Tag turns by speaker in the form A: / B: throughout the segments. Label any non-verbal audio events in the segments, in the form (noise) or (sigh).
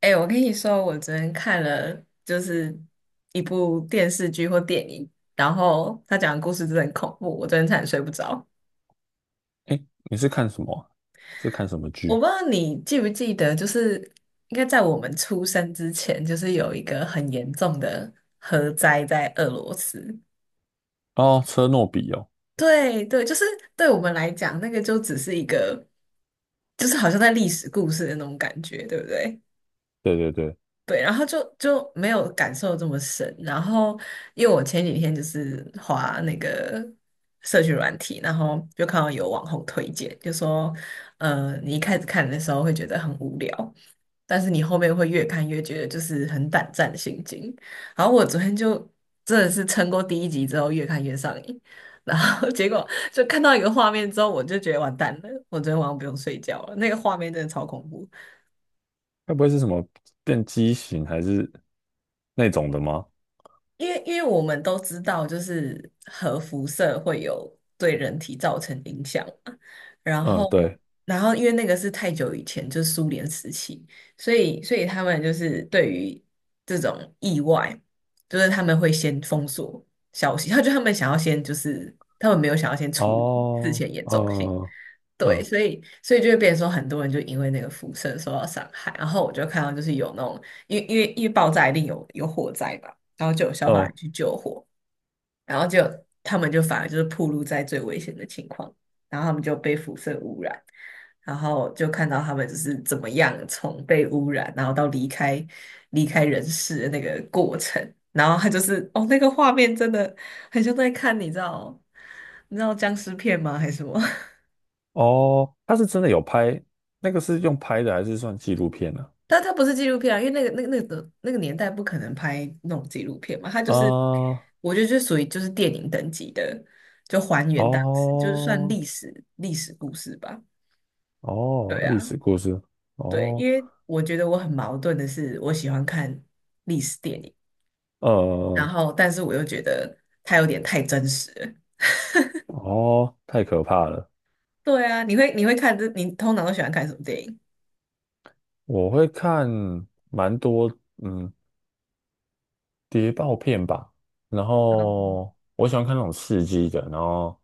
A: 哎、我跟你说，我昨天看了就是一部电视剧或电影，然后他讲的故事真的很恐怖，我昨天差点睡不着。
B: 哎，你是看什么啊是看什么
A: 我
B: 剧？
A: 不知道你记不记得，就是应该在我们出生之前，就是有一个很严重的核灾在俄罗斯。
B: 哦，车诺比哦，
A: 对对，就是对我们来讲，那个就只是一个，就是好像在历史故事的那种感觉，对不对？
B: 对对对，
A: 对，然后就没有感受这么深。然后，因为我前几天就是滑那个社群软体，然后就看到有网红推荐，就说，你一开始看的时候会觉得很无聊，但是你后面会越看越觉得就是很胆战心惊。然后我昨天就真的是撑过第一集之后，越看越上瘾。然后 (laughs) 结果就看到一个画面之后，我就觉得完蛋了，我昨天晚上不用睡觉了，那个画面真的超恐怖。
B: 该不会是什么变畸形还是那种的吗？
A: 因为我们都知道，就是核辐射会有对人体造成影响嘛。然
B: 嗯，
A: 后，
B: 对，
A: 然后因为那个是太久以前，就是苏联时期，所以他们就是对于这种意外，就是他们会先封锁消息，他们想要先就是他们没有想要先处理事
B: 哦，
A: 前严重性，
B: 嗯
A: 对，
B: 嗯
A: 所以就会变成说，很多人就因为那个辐射受到伤害。然后我就看到就是有那种，因为爆炸一定有火灾嘛，然后就有消防
B: 嗯，
A: 员去救火，然后就他们就反而就是暴露在最危险的情况，然后他们就被辐射污染，然后就看到他们就是怎么样从被污染，然后到离开人世的那个过程。然后他就是哦，那个画面真的很像在看，你知道僵尸片吗？还是什么？
B: 哦，他是真的有拍，那个是用拍的还是算纪录片呢？
A: 但它不是纪录片啊，因为那个年代不可能拍那种纪录片嘛，它就
B: 啊，
A: 是，我觉得就属于就是电影等级的，就还原当时，就是算
B: 哦
A: 历史故事吧。
B: 哦，
A: 对
B: 历
A: 啊，
B: 史故事，
A: 对，
B: 哦，
A: 因为我觉得我很矛盾的是，我喜欢看历史电影，然
B: 呃，
A: 后但是我又觉得它有点太真实了。
B: 哦，太可怕了。
A: 对啊，你会看这，你通常都喜欢看什么电影？
B: 我会看蛮多，嗯，谍报片吧，然
A: 嗯，
B: 后我喜欢看那种刺激的，然后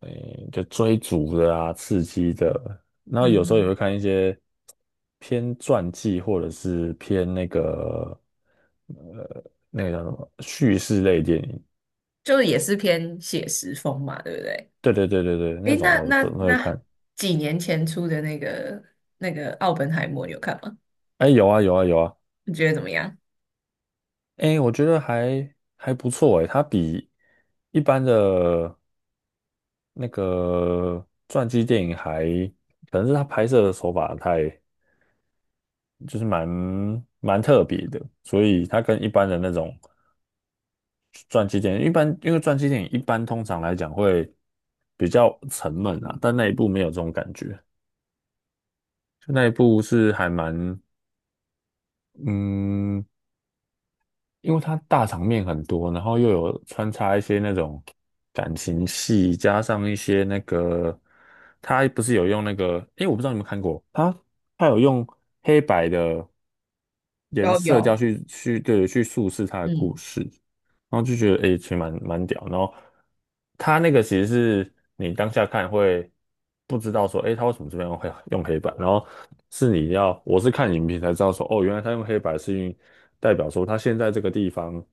B: 诶、就追逐的啊，刺激的，然后有时候也
A: 嗯
B: 会看一些偏传记或者是偏那个呃那个叫什么叙事类电影，
A: 就也是偏写实风嘛，对不对？
B: 对对对对对，那
A: 诶，
B: 种
A: 那
B: 的我
A: 那
B: 都会
A: 那
B: 看。
A: 几年前出的那个那个《奥本海默》，你有看吗？
B: 哎、有啊有啊有啊，
A: 你觉得怎么样？
B: 哎、我觉得还不错哎、它比一般的那个传记电影还。可能是它拍摄的手法太就是蛮特别的，所以它跟一般的那种传记电影，一般因为传记电影一般通常来讲会比较沉闷啊，但那一部没有这种感觉，就那一部是还蛮嗯，因为它大场面很多，然后又有穿插一些那种感情戏，加上一些那个它不是有用那个，诶，我不知道你们看过，它有用黑白的颜
A: 都
B: 色调
A: 有，
B: 去叙事它的故
A: 嗯，
B: 事。然后就觉得诶，其实蛮屌。然后他那个其实是你当下看会不知道说，诶，他为什么这边会用黑白？然后是你要，我是看影评才知道说，哦，原来他用黑白是因为代表说他现在这个地方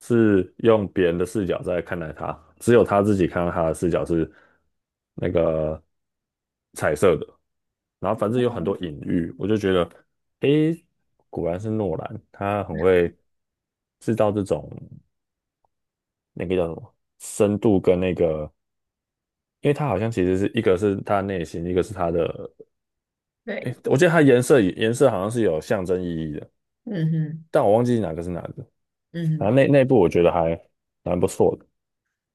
B: 是用别人的视角在看待他，只有他自己看到他的视角是那个彩色的。然后反正有很多隐喻，我就觉得，诶，果然是诺兰，他很会制造这种。那个叫什么深度跟那个，因为它好像其实是一个是它内心，一个是它的，
A: 对，
B: 诶，我记得它颜色好像是有象征意义的，
A: 嗯哼，
B: 但我忘记哪个是哪个。
A: 嗯
B: 反正
A: 哼，
B: 那部我觉得还蛮不错的。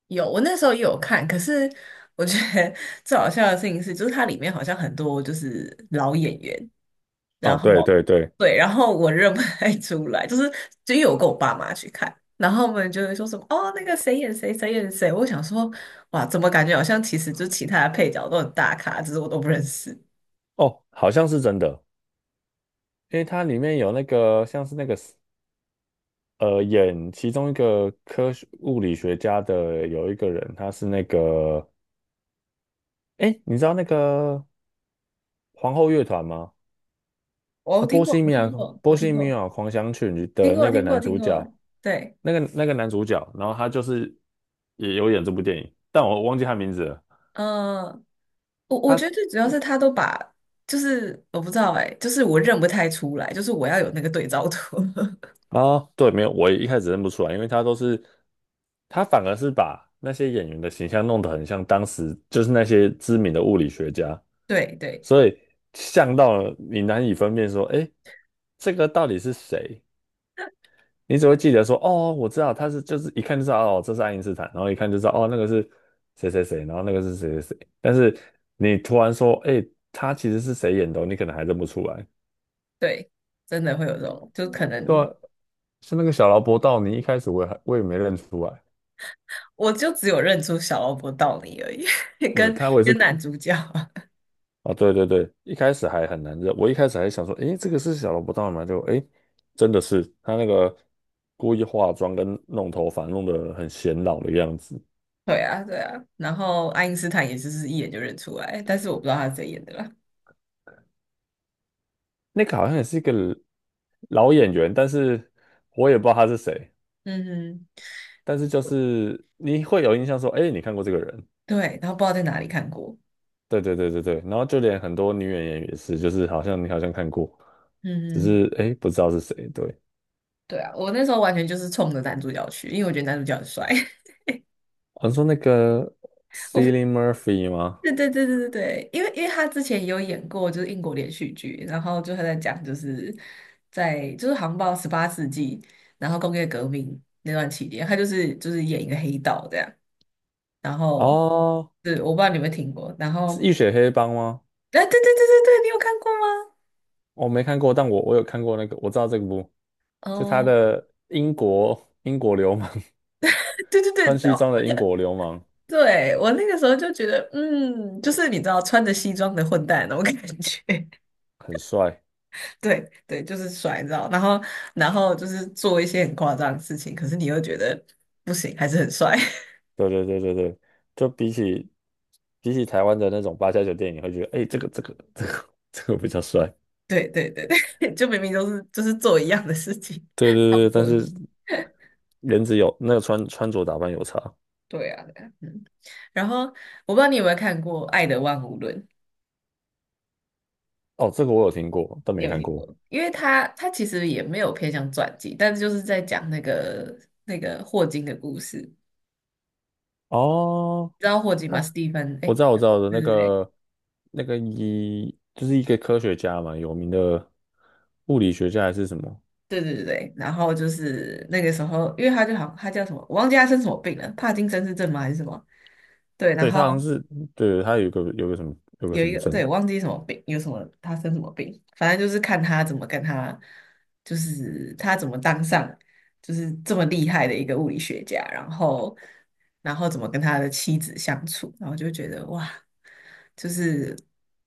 A: 有。我那时候也有看，可是我觉得 (laughs) 最好笑的事情是，就是它里面好像很多就是老演员，然
B: 哦，对
A: 后
B: 对对，
A: 对，然后我认不太出来，就是只有为我跟我爸妈去看，然后我们就会说什么哦，那个谁演谁，谁演谁。我想说，哇，怎么感觉好像其实就其他的配角都很大咖，只是我都不认识。
B: 哦，好像是真的，因为它里面有那个像是那个演其中一个科学物理学家的有一个人，他是那个，哎，你知道那个皇后乐团吗？
A: 我
B: 啊，
A: 听过，我听过，我
B: 波
A: 听
B: 西米
A: 过，
B: 亚狂想曲
A: 听
B: 的
A: 过，
B: 那个
A: 听过，
B: 男
A: 听
B: 主
A: 过。
B: 角。
A: 对，
B: 那个男主角，然后他就是也有演这部电影，但我忘记他名字了。
A: 呃，我
B: 他
A: 觉得最主要是他都把，就是我不知道哎、就是我认不太出来，就是我要有那个对照图。(laughs)
B: 啊，对，没有，我一开始认不出来，因为他反而是把那些演员的形象弄得很像当时就是那些知名的物理学家，
A: 对对
B: 所以像到了你难以分辨说，哎，这个到底是谁？你只会记得说，哦，我知道他是，就是一看就知道，哦，这是爱因斯坦，然后一看就知道，哦，那个是谁谁谁，然后那个是谁谁谁。但是你突然说，哎，他其实是谁演的哦你可能还认不出来。
A: 对，真的会有这种，就可
B: 对
A: 能
B: 啊，是那个小劳勃道你一开始我也没认出来，
A: 我就只有认出小劳勃道尼而已，(laughs)
B: 对，
A: 跟
B: 他我也是
A: 跟男
B: 看，
A: 主角。(laughs)
B: 哦，对对对，一开始还很难认，我一开始还想说，哎，这个是小劳勃道尼吗？就哎，诶真的是他那个故意化妆跟弄头发弄得很显老的样子。
A: 对啊，对啊，然后爱因斯坦也就是一眼就认出来，但是我不知道他是谁演的啦。
B: 那个好像也是一个老演员，但是我也不知道他是谁。
A: 嗯哼，
B: 但是就是你会有印象说，哎，你看过这个人？
A: 对，然后不知道在哪里看过。
B: 对对对对对。然后就连很多女演员也是，就是好像你好像看过，只
A: 嗯哼。
B: 是哎不知道是谁。对，
A: 对啊，我那时候完全就是冲着男主角去，因为我觉得男主角很帅。
B: 好像说那个
A: (laughs) 我不，
B: Cillian Murphy 吗？
A: 对对对对对对，因为他之前也有演过就是英国连续剧，然后就他在讲就是在就是航像到18世纪，然后工业革命那段期间，他就是演一个黑道这样。然后，
B: 哦，
A: 对，我不知道你有没有听过。然
B: 是
A: 后，
B: 《浴血黑帮》吗？
A: 哎、对对对对对，你有看过吗？
B: 我没看过，但我有看过那个，我知道这个部，就他
A: 哦，
B: 的英国流氓，
A: (laughs) 对
B: (laughs)
A: 对
B: 穿
A: 对，
B: 西
A: 哦，
B: 装的英国流氓
A: 对，我那个时候就觉得，嗯，就是你知道穿着西装的混蛋那种感觉。
B: 很帅。
A: 对对，就是甩绕，然后就是做一些很夸张的事情，可是你又觉得不行，还是很帅。(laughs)
B: 对对对对对，就比起台湾的那种八家酒店，你会觉得哎、这个比较帅。
A: 对对对对，(laughs) 就明明都是就是做一样的事情，
B: 对
A: (laughs) 差不
B: 对对，但
A: 多的事
B: 是
A: 情。
B: 颜值有那个穿着打扮有差。
A: 对啊，对啊，嗯。然后我不知道你有没有看过《爱的万物论》，
B: 哦，这个我有听过，但
A: 你
B: 没
A: 有
B: 看
A: 听
B: 过。
A: 过？因为他其实也没有偏向传记，但是就是在讲那个霍金的故事。你
B: 哦，
A: 知道霍金吗？
B: 他
A: 史蒂芬，
B: 我
A: 哎，
B: 知道我
A: 对
B: 知道的那
A: 对对，
B: 个那个就是一个科学家嘛，有名的物理学家还是什么？
A: 对对对对，然后就是那个时候，因为他就好，他叫什么，我忘记他生什么病了，帕金森氏症吗还是什么？对，然
B: 对，
A: 后
B: 他好像是对他有个有个什么有个
A: 有
B: 什
A: 一
B: 么
A: 个，
B: 证。
A: 对，我忘记什么病，有什么他生什么病，反正就是看他怎么跟他，就是他怎么当上就是这么厉害的一个物理学家，然后怎么跟他的妻子相处，然后就觉得哇，就是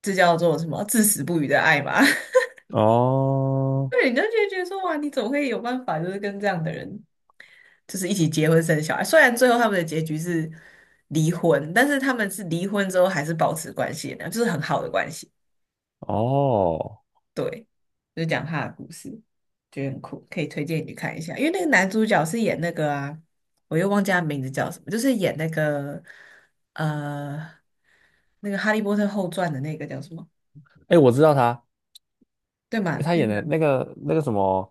A: 这叫做什么至死不渝的爱吧。(laughs)
B: 哦
A: 对，你就觉得说，哇，你怎么会有办法，就是跟这样的人就是一起结婚生小孩。虽然最后他们的结局是离婚，但是他们是离婚之后还是保持关系的，就是很好的关系。
B: 哦，
A: 对，就讲他的故事，觉得很酷，可以推荐你去看一下。因为那个男主角是演那个啊，我又忘记他名字叫什么，就是演那个呃那个《哈利波特后传》的那个叫什么？
B: 哎，我知道他，
A: 对
B: 因为
A: 吗？
B: 他
A: 那
B: 演
A: 个，
B: 的那个什么，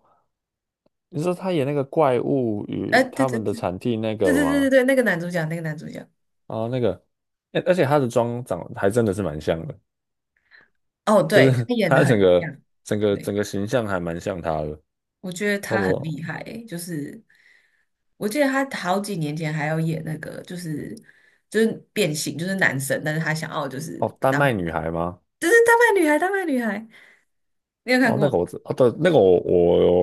B: 你说他演那个怪物
A: 哎、
B: 与
A: 对
B: 他
A: 对
B: 们的
A: 对
B: 产地那
A: 对
B: 个
A: 对对对
B: 吗？
A: 对，那个男主角，那个男主角，
B: 哦，那个，哎，而且他的妆长得还真的是蛮像的，
A: 哦，
B: 就
A: 对，
B: 是
A: 他
B: (laughs)
A: 演的
B: 他整
A: 很
B: 个
A: 像。
B: 整个
A: 对。
B: 整个形象还蛮像他的。
A: 我觉得
B: 哦，
A: 他很厉害欸，就是我记得他好几年前还要演那个，就是变性，就是男神，但是他想要就是
B: 哦，丹
A: 当，
B: 麦女孩吗？
A: 就是丹麦女孩，丹麦女孩，你有看
B: 哦，那
A: 过？
B: 个我知，哦对，那个我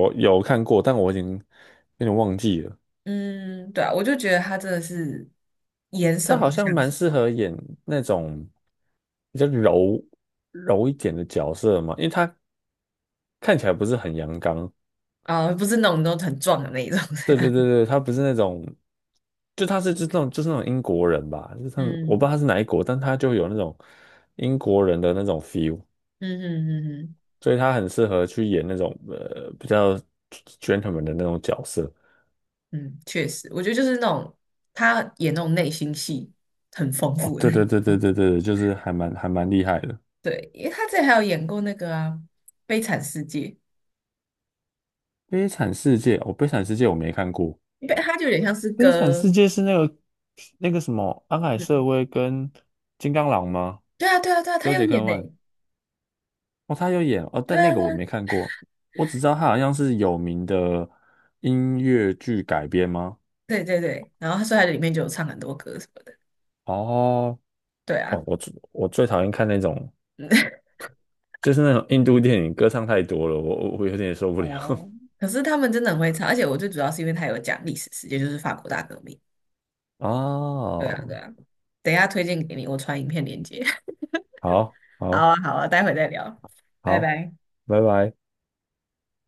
B: 我有看过，但我已经有点忘记了。
A: 嗯，对啊，我就觉得他真的是演什
B: 他
A: 么
B: 好像
A: 像
B: 蛮
A: 什
B: 适
A: 么。
B: 合演那种比较柔一点的角色嘛，因为他看起来不是很阳刚，
A: 啊，不是那种都很壮的那一种。
B: 对对
A: (laughs)
B: 对对，他不是那种，就他是就是那种英国人吧，就是我不知道
A: 嗯
B: 他是哪一国，但他就有那种英国人的那种 feel，
A: 嗯嗯嗯嗯
B: 所以他很适合去演那种比较 gentleman 的那种角色。
A: 嗯，确实，我觉得就是那种他演那种内心戏很丰
B: 哦，
A: 富的，
B: 对对对对对对，就是还蛮厉害的。
A: (laughs) 对，因为他之前还有演过那个啊《悲惨世界》。
B: 《悲惨世界》哦，《悲惨世界》我没看过，
A: 因为他就有点像是
B: 《悲惨
A: 歌，
B: 世界》是那个什么安海
A: 嗯，
B: 瑟薇跟金刚狼吗？
A: 对啊，对啊，对啊，他
B: 修
A: 有
B: 杰克
A: 演呢，
B: 曼。哦，他有演哦，
A: 对
B: 但那
A: 啊，
B: 个
A: 对
B: 我
A: 啊，
B: 没看过，我只知道他好像是有名的音乐剧改编吗？
A: 对对对，然后他所以他里面就有唱很多歌什么的，
B: 哦，
A: 对
B: 哦，
A: 啊，
B: 我最讨厌看那种，
A: 嗯
B: 就是那种印度电影，歌唱太多了，我有点受
A: (laughs)，
B: 不了。
A: 哦，可是他们真的很会唱，而且我最主要是因为他有讲历史事件，就是法国大革命，
B: (laughs)
A: 对啊，
B: 哦，
A: 对啊，等一下推荐给你，我传影片链接，
B: 好，
A: (laughs) 好
B: 好，
A: 啊，好啊，待会再聊，拜
B: 好，
A: 拜。
B: 拜拜。